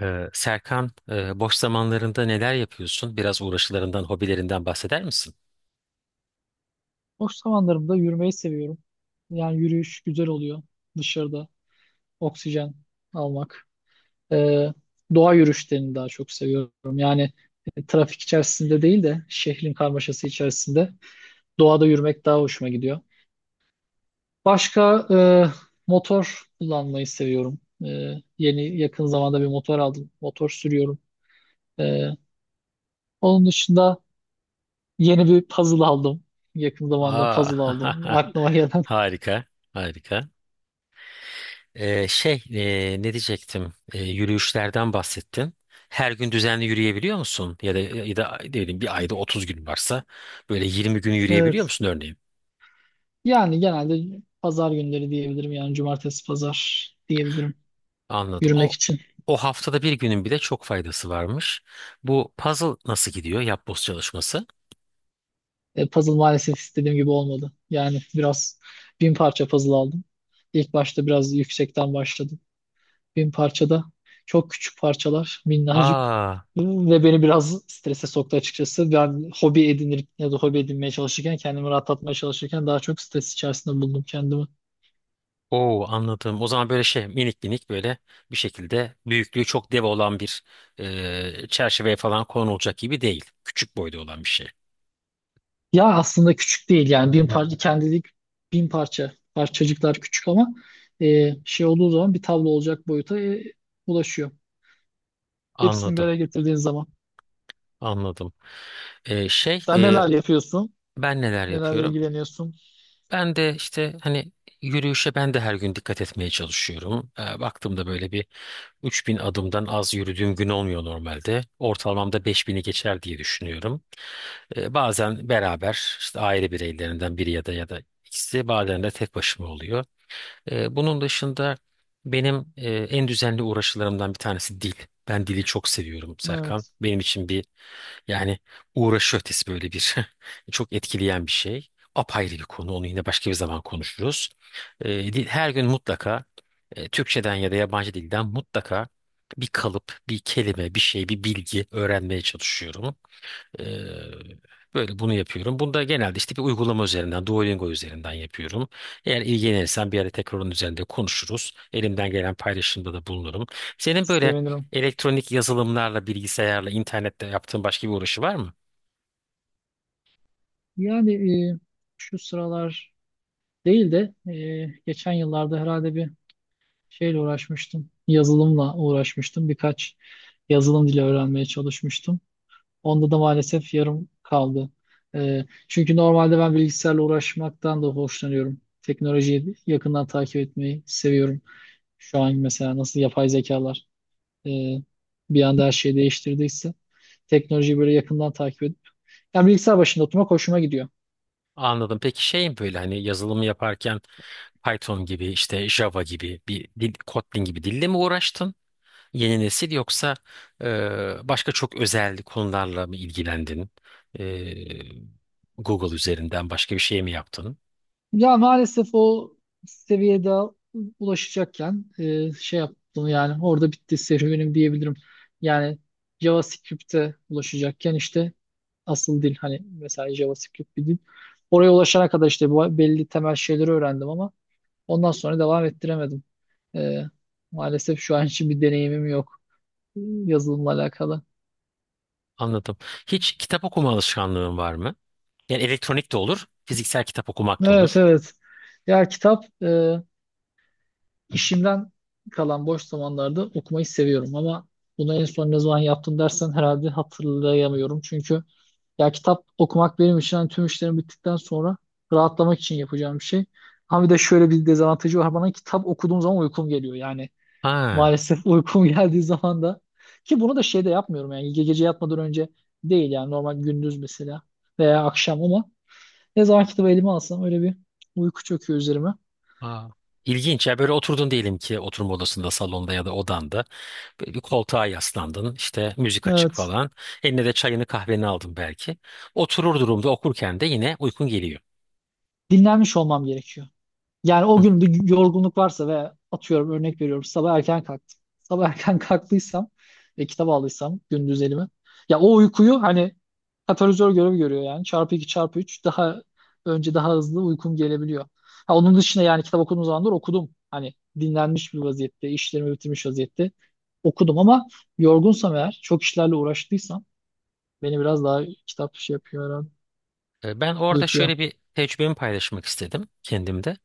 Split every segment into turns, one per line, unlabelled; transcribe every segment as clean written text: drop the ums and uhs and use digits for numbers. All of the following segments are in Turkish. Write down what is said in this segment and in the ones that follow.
Serkan, boş zamanlarında neler yapıyorsun? Biraz uğraşılarından, hobilerinden bahseder misin?
Boş zamanlarımda yürümeyi seviyorum. Yani yürüyüş güzel oluyor dışarıda. Oksijen almak. Ee, doğa yürüyüşlerini daha çok seviyorum. Yani trafik içerisinde değil de şehrin karmaşası içerisinde doğada yürümek daha hoşuma gidiyor. Başka motor kullanmayı seviyorum. E, yeni yakın zamanda bir motor aldım. Motor sürüyorum. E, onun dışında yeni bir puzzle aldım. Yakın zamanda puzzle aldım.
Aa,
Aklıma gelen.
harika, harika. Şey, ne diyecektim? Yürüyüşlerden bahsettin. Her gün düzenli yürüyebiliyor musun? Ya da ne bileyim bir ayda 30 gün varsa böyle 20 gün
Evet.
yürüyebiliyor musun örneğin?
Yani genelde pazar günleri diyebilirim. Yani cumartesi pazar diyebilirim
Anladım.
yürümek
O
için.
o haftada bir günün bile çok faydası varmış. Bu puzzle nasıl gidiyor? Yapboz çalışması.
Puzzle maalesef istediğim gibi olmadı. Yani biraz 1000 parça puzzle aldım. İlk başta biraz yüksekten başladım. 1000 parçada çok küçük parçalar, minnacık.
Aa.
Ve beni biraz strese soktu açıkçası. Ben hobi edinir ya da hobi edinmeye çalışırken, kendimi rahatlatmaya çalışırken daha çok stres içerisinde buldum kendimi.
Oo, anladım. O zaman böyle şey minik minik böyle bir şekilde büyüklüğü çok dev olan bir çerçeveye falan konulacak gibi değil. Küçük boyda olan bir şey.
Ya aslında küçük değil yani 1000 parça kendilik 1000 parça parçacıklar küçük ama şey olduğu zaman bir tablo olacak boyuta ulaşıyor. Hepsini bir
Anladım.
araya getirdiğin zaman.
Anladım. Şey
Sen neler yapıyorsun?
ben neler
Nelerle
yapıyorum?
ilgileniyorsun?
Ben de işte hani yürüyüşe ben de her gün dikkat etmeye çalışıyorum. Baktığımda böyle bir 3000 adımdan az yürüdüğüm gün olmuyor normalde. Ortalamamda 5000'i geçer diye düşünüyorum. Bazen beraber işte aile bireylerinden biri ya da ikisi bazen de tek başıma oluyor. Bunun dışında benim en düzenli uğraşılarımdan bir tanesi dil. Ben dili çok seviyorum Serkan.
Evet,
Benim için bir, yani uğraşı ötesi böyle bir çok etkileyen bir şey. Apayrı bir konu. Onu yine başka bir zaman konuşuruz. Her gün mutlaka Türkçeden ya da yabancı dilden mutlaka bir kalıp, bir kelime, bir şey, bir bilgi öğrenmeye çalışıyorum. Ee, Böyle bunu yapıyorum. Bunu da genelde işte bir uygulama üzerinden, Duolingo üzerinden yapıyorum. Eğer ilgilenirsen bir ara tekrar onun üzerinde konuşuruz. Elimden gelen paylaşımda da bulunurum. Senin böyle
sevinirim.
elektronik yazılımlarla, bilgisayarla, internette yaptığın başka bir uğraşı var mı?
Yani e, şu sıralar değil de geçen yıllarda herhalde bir şeyle uğraşmıştım. Yazılımla uğraşmıştım. Birkaç yazılım dili öğrenmeye çalışmıştım. Onda da maalesef yarım kaldı. Çünkü normalde ben bilgisayarla uğraşmaktan da hoşlanıyorum. Teknolojiyi yakından takip etmeyi seviyorum. Şu an mesela nasıl yapay zekalar e, bir anda her şeyi değiştirdiyse teknolojiyi böyle yakından takip edip yani bilgisayar başında oturmak hoşuma gidiyor.
Anladım. Peki şey mi böyle hani yazılımı yaparken Python gibi, işte Java gibi bir dil, Kotlin gibi dille mi uğraştın? Yeni nesil yoksa başka çok özel konularla mı ilgilendin? E, Google üzerinden başka bir şey mi yaptın?
Ya maalesef o seviyede ulaşacakken şey yaptım yani orada bitti serüvenim diyebilirim. Yani JavaScript'e ulaşacakken işte asıl dil hani mesela JavaScript bir dil. Oraya ulaşana kadar işte bu belli temel şeyleri öğrendim ama ondan sonra devam ettiremedim. E, maalesef şu an için bir deneyimim yok e, yazılımla alakalı.
Anladım. Hiç kitap okuma alışkanlığın var mı? Yani elektronik de olur, fiziksel kitap okumak da
Evet
olur.
evet. Ya kitap İşimden kalan boş zamanlarda okumayı seviyorum ama bunu en son ne zaman yaptım dersen herhalde hatırlayamıyorum. Çünkü ya kitap okumak benim için hani tüm işlerim bittikten sonra rahatlamak için yapacağım bir şey. Ama bir de şöyle bir dezavantajı var. Bana kitap okuduğum zaman uykum geliyor. Yani
Ha.
maalesef uykum geldiği zaman da ki bunu da şeyde yapmıyorum yani gece yatmadan önce değil yani normal gündüz mesela veya akşam ama ne zaman kitabı elime alsam öyle bir uyku çöküyor üzerime.
Aa, ilginç ya, böyle oturdun diyelim ki oturma odasında, salonda ya da odanda. Böyle bir koltuğa yaslandın, işte müzik açık
Evet.
falan. Eline de çayını kahveni aldın belki. Oturur durumda okurken de yine uykun geliyor.
Dinlenmiş olmam gerekiyor. Yani o
Hı.
gün bir yorgunluk varsa ve atıyorum örnek veriyorum sabah erken kalktım. Sabah erken kalktıysam ve kitap aldıysam gündüz elime. Ya o uykuyu hani katalizör görevi görüyor yani. Çarpı 2 çarpı 3 daha önce daha hızlı uykum gelebiliyor. Ha, onun dışında yani kitap okuduğum zamanlar okudum. Hani dinlenmiş bir vaziyette, işlerimi bitirmiş vaziyette okudum ama yorgunsam eğer, çok işlerle uğraştıysam beni biraz daha kitap şey yapıyor herhalde,
Ben orada
uyutuyor.
şöyle bir tecrübemi paylaşmak istedim kendimde.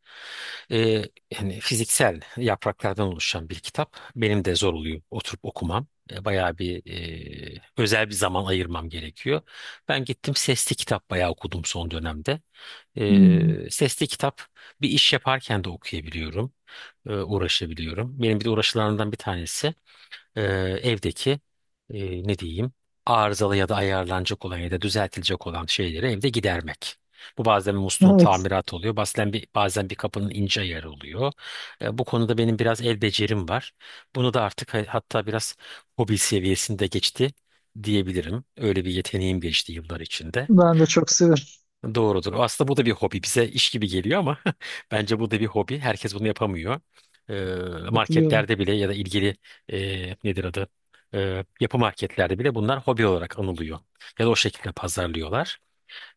Ee, Yani fiziksel yapraklardan oluşan bir kitap. Benim de zor oluyor oturup okumam. Bayağı bir özel bir zaman ayırmam gerekiyor. Ben gittim sesli kitap bayağı okudum son dönemde.
Hmm.
Sesli kitap bir iş yaparken de okuyabiliyorum. Uğraşabiliyorum. Benim bir de uğraşılarımdan bir tanesi e, evdeki ne diyeyim arızalı ya da ayarlanacak olan ya da düzeltilecek olan şeyleri evde gidermek. Bu bazen bir musluğun
Evet,
tamiratı oluyor. Bazen bir kapının ince ayarı oluyor. Bu konuda benim biraz el becerim var. Bunu da artık hatta biraz hobi seviyesinde geçti diyebilirim. Öyle bir yeteneğim geçti yıllar içinde.
ben de çok severim.
Doğrudur. Aslında bu da bir hobi. Bize iş gibi geliyor ama bence bu da bir hobi. Herkes bunu yapamıyor. Ee,
Katılıyorum.
Marketlerde bile ya da ilgili nedir adı? Yapı marketlerde bile bunlar hobi olarak anılıyor. Ya da o şekilde pazarlıyorlar.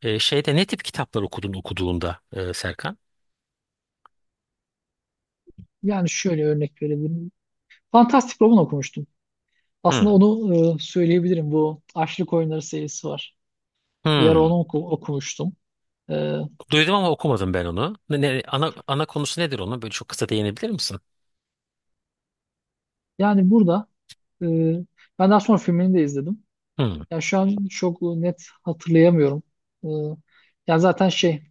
Şeyde ne tip kitaplar okudun okuduğunda Serkan?
Yani şöyle örnek verebilirim. Fantastic Robin okumuştum. Aslında
Hmm.
onu söyleyebilirim. Bu Açlık Oyunları serisi var. Bir ara onu
Hmm.
okumuştum. E,
Duydum ama okumadım ben onu. Ana konusu nedir onun? Böyle çok kısa değinebilir misin?
yani burada e, ben daha sonra filmini de izledim.
Hmm.
Yani şu an çok net hatırlayamıyorum. E, yani zaten şey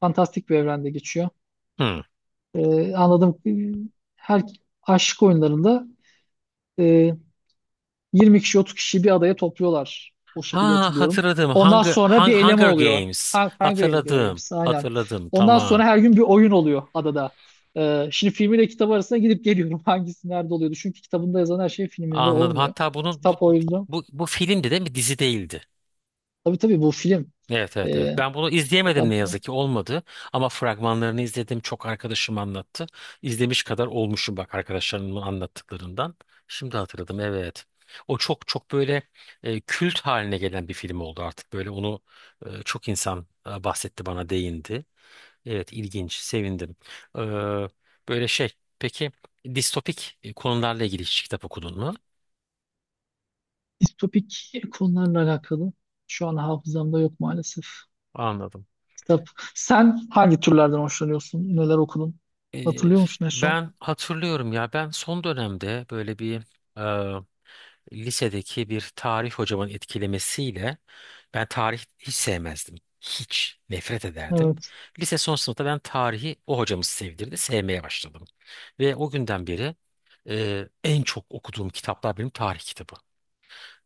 fantastik bir evrende geçiyor.
Hmm.
E, anladım. E, her aşk oyunlarında e, 20 kişi 30 kişi bir adaya topluyorlar. O şekilde
Ha,
hatırlıyorum.
hatırladım.
Ondan sonra bir eleme
Hunger
oluyor.
Games.
Hunger
Hatırladım.
Games aynen.
Hatırladım.
Ondan
Tamam.
sonra her gün bir oyun oluyor adada. Şimdi filmiyle kitabı arasında gidip geliyorum hangisi nerede oluyordu. Çünkü kitabında yazan her şey filminde
Anladım.
olmuyor.
Hatta bunun bu
Kitap o yüzden.
bu bu filmdi değil mi? Dizi değildi.
Tabii tabii bu film.
Evet, evet, evet.
Ee,
Ben bunu izleyemedim
hatta
ne
bu
yazık ki olmadı. Ama fragmanlarını izledim. Çok arkadaşım anlattı. İzlemiş kadar olmuşum bak arkadaşlarımın anlattıklarından. Şimdi hatırladım evet. O çok çok böyle kült haline gelen bir film oldu artık. Böyle onu çok insan bahsetti bana değindi. Evet, ilginç, sevindim. Ee, Böyle şey peki distopik konularla ilgili hiç kitap okudun mu?
distopik konularla alakalı. Şu an hafızamda yok maalesef.
Anladım.
Kitap. Sen hangi türlerden hoşlanıyorsun? Neler okudun?
Ee,
Hatırlıyor musun en son?
Ben hatırlıyorum ya ben son dönemde böyle bir e, lisedeki bir tarih hocamın etkilemesiyle ben tarih hiç sevmezdim. Hiç nefret ederdim.
Evet.
Lise son sınıfta ben tarihi o hocamız sevdirdi, sevmeye başladım. Ve o günden beri en çok okuduğum kitaplar benim tarih kitabı.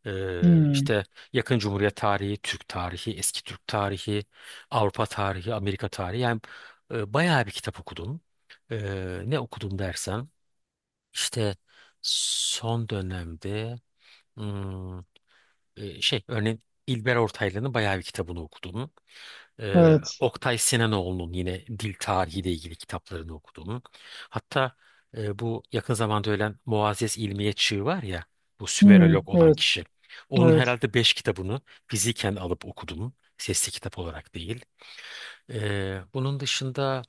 Hmm.
İşte yakın Cumhuriyet tarihi, Türk tarihi, eski Türk tarihi, Avrupa tarihi, Amerika tarihi. Yani bayağı bir kitap okudum. Ne okudum dersen işte son dönemde hmm, şey örneğin İlber Ortaylı'nın bayağı bir kitabını okudum.
Evet.
Oktay Sinanoğlu'nun yine dil tarihiyle ilgili kitaplarını okudum. Hatta bu yakın zamanda ölen Muazzez İlmiye Çığ var ya, bu
Hmm,
Sümerolog olan
evet,
kişi. Onun
evet.
herhalde beş kitabını fiziken alıp okudum. Sesli kitap olarak değil. Bunun dışında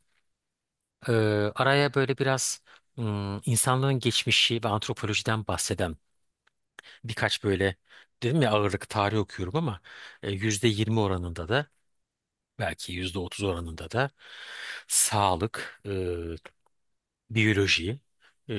e, araya böyle biraz insanlığın geçmişi ve antropolojiden bahseden birkaç böyle, dedim ya ağırlık tarih okuyorum ama %20 oranında da belki %30 oranında da sağlık, biyoloji, e,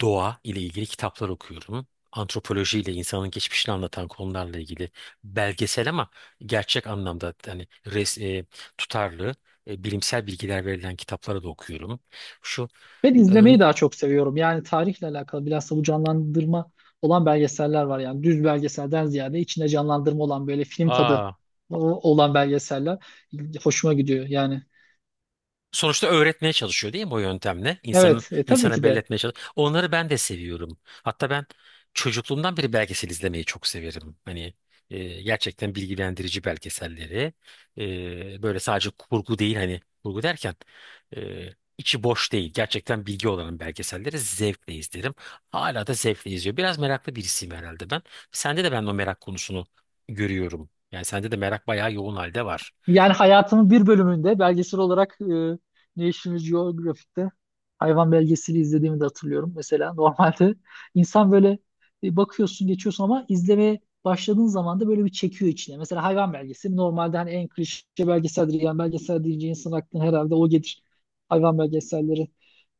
doğa ile ilgili kitaplar okuyorum. Antropoloji ile insanın geçmişini anlatan konularla ilgili belgesel ama gerçek anlamda hani tutarlı bilimsel bilgiler verilen kitapları da okuyorum. Şu
Ben
e,
izlemeyi
n-
daha çok seviyorum. Yani tarihle alakalı bilhassa bu canlandırma olan belgeseller var. Yani düz belgeselden ziyade içinde canlandırma olan böyle film tadı
Aa,
olan belgeseller hoşuma gidiyor. Yani
sonuçta öğretmeye çalışıyor değil mi o yöntemle? İnsanın
evet, tabii
insana
ki
belli
de.
etmeye çalışıyor. Onları ben de seviyorum. Hatta ben çocukluğumdan beri belgesel izlemeyi çok severim. Hani gerçekten bilgilendirici belgeselleri. Böyle sadece kurgu değil, hani kurgu derken e, içi boş değil. Gerçekten bilgi olan belgeselleri zevkle izlerim. Hala da zevkle izliyor. Biraz meraklı birisiyim herhalde ben. Sende de ben o merak konusunu görüyorum. Yani sende de merak bayağı yoğun halde var.
Yani hayatımın bir bölümünde belgesel olarak National Geographic'te hayvan belgeseli izlediğimi de hatırlıyorum. Mesela normalde insan böyle bakıyorsun geçiyorsun ama izlemeye başladığın zaman da böyle bir çekiyor içine. Mesela hayvan belgeseli normalde hani en klişe belgeseldir. Yani belgesel deyince insan aklına herhalde o gelir. Hayvan belgeselleri.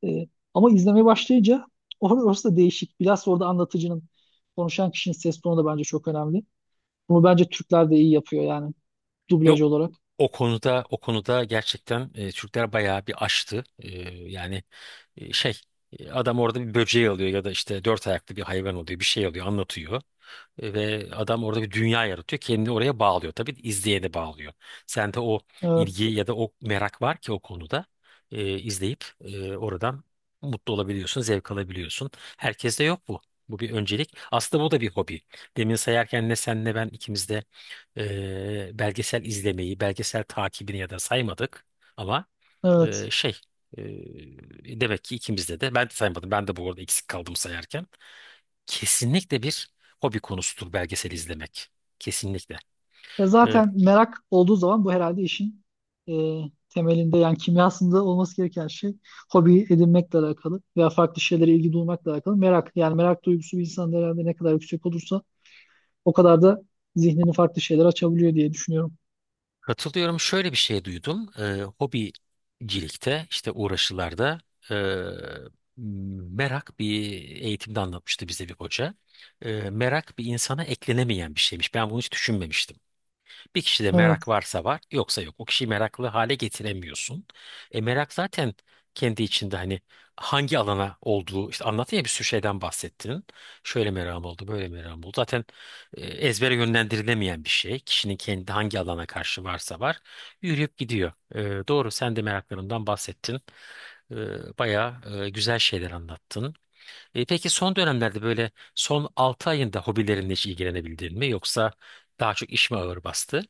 E, ama izlemeye başlayınca orası da değişik. Biraz orada anlatıcının, konuşan kişinin ses tonu da bence çok önemli. Bunu bence Türkler de iyi yapıyor yani dublaj
Yok.
olarak.
O konuda gerçekten Türkler bayağı bir aştı. Yani şey adam orada bir böceği alıyor ya da işte dört ayaklı bir hayvan oluyor, bir şey alıyor anlatıyor. Ve adam orada bir dünya yaratıyor. Kendini oraya bağlıyor. Tabii izleyeni bağlıyor. Sende o ilgi
Evet.
ya da o merak var ki o konuda izleyip oradan mutlu olabiliyorsun, zevk alabiliyorsun. Herkeste yok bu. Bu bir öncelik. Aslında bu da bir hobi. Demin sayarken ne sen ne ben ikimiz de belgesel izlemeyi, belgesel takibini ya da saymadık. Ama
Evet.
şey demek ki ikimizde de, ben de saymadım. Ben de bu arada eksik kaldım sayarken, kesinlikle bir hobi konusudur belgesel izlemek. Kesinlikle.
E
Ee,
zaten merak olduğu zaman bu herhalde işin e, temelinde yani kimyasında olması gereken şey hobi edinmekle alakalı veya farklı şeylere ilgi duymakla alakalı merak. Yani merak duygusu bir insanda herhalde ne kadar yüksek olursa o kadar da zihnini farklı şeyler açabiliyor diye düşünüyorum.
Katılıyorum. Şöyle bir şey duydum. Hobicilikte işte uğraşılarda ee, merak bir eğitimde anlatmıştı bize bir hoca. Merak bir insana eklenemeyen bir şeymiş. Ben bunu hiç düşünmemiştim. Bir kişide merak
Evet.
varsa var, yoksa yok. O kişiyi meraklı hale getiremiyorsun. Merak zaten kendi içinde hani hangi alana olduğu, işte anlattın ya bir sürü şeyden bahsettin. Şöyle merakım oldu, böyle merakım oldu. Zaten ezbere yönlendirilemeyen bir şey. Kişinin kendi hangi alana karşı varsa var, yürüyüp gidiyor. Doğru, sen de meraklarından bahsettin. Bayağı güzel şeyler anlattın. Peki son dönemlerde böyle son 6 ayında hobilerinle hiç ilgilenebildin mi? Yoksa daha çok iş mi ağır bastı?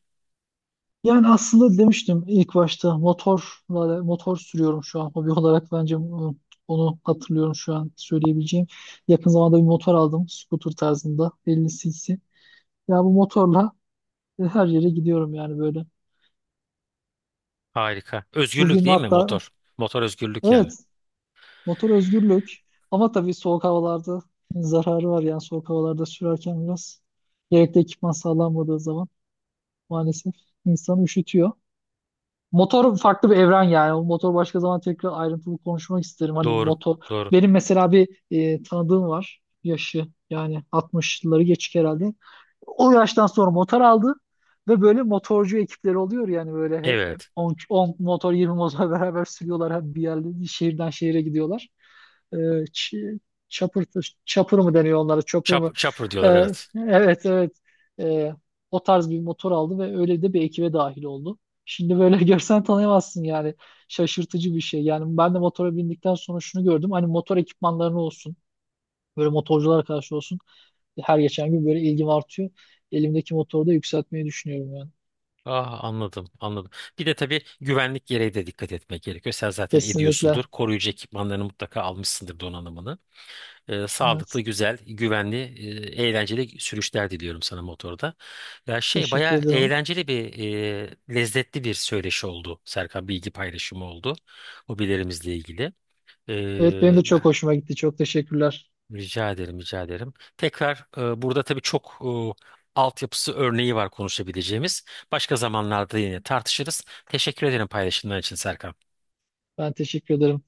Yani aslında demiştim ilk başta motorla motor sürüyorum şu an hobi olarak bence onu hatırlıyorum şu an söyleyebileceğim. Yakın zamanda bir motor aldım scooter tarzında 50 cc. Ya bu motorla ve her yere gidiyorum yani böyle.
Harika. Özgürlük
Bugün
değil mi
hatta
motor? Motor özgürlük yani.
evet motor özgürlük ama tabii soğuk havalarda zararı var yani soğuk havalarda sürerken biraz gerekli ekipman sağlanmadığı zaman maalesef insanı üşütüyor. Motor farklı bir evren yani. O motor başka zaman tekrar ayrıntılı konuşmak isterim. Hani
Doğru.
motor
Doğru.
benim mesela bir tanıdığım var yaşı yani 60'ları geçik herhalde. O yaştan sonra motor aldı ve böyle motorcu ekipleri oluyor yani böyle hep
Evet.
10 motor 20 motor beraber sürüyorlar hep bir yerde bir şehirden şehire gidiyorlar. Ee, ç- chopper, chopper mı deniyor onlara chopper mı?
Chopper diyorlar, evet.
Evet evet Ee, o tarz bir motor aldı ve öyle de bir ekibe dahil oldu. Şimdi böyle görsen tanıyamazsın yani şaşırtıcı bir şey. Yani ben de motora bindikten sonra şunu gördüm hani motor ekipmanlarını olsun böyle motorculara karşı olsun her geçen gün böyle ilgim artıyor. Elimdeki motoru da yükseltmeyi düşünüyorum yani.
Ah, anladım anladım. Bir de tabii güvenlik gereği de dikkat etmek gerekiyor. Sen zaten
Kesinlikle.
ediyorsundur. Koruyucu ekipmanlarını mutlaka almışsındır, donanımını.
Evet.
Sağlıklı, güzel, güvenli, eğlenceli sürüşler diliyorum sana motorda. Ya şey
Teşekkür
bayağı
ederim.
eğlenceli bir, lezzetli bir söyleşi oldu Serkan, bilgi paylaşımı oldu. Hobilerimizle ilgili.
Evet benim
Ee,
de çok hoşuma gitti. Çok teşekkürler.
Rica ederim, rica ederim. Tekrar burada tabii çok altyapısı örneği var konuşabileceğimiz. Başka zamanlarda yine tartışırız. Teşekkür ederim paylaşımlar için Serkan.
Ben teşekkür ederim.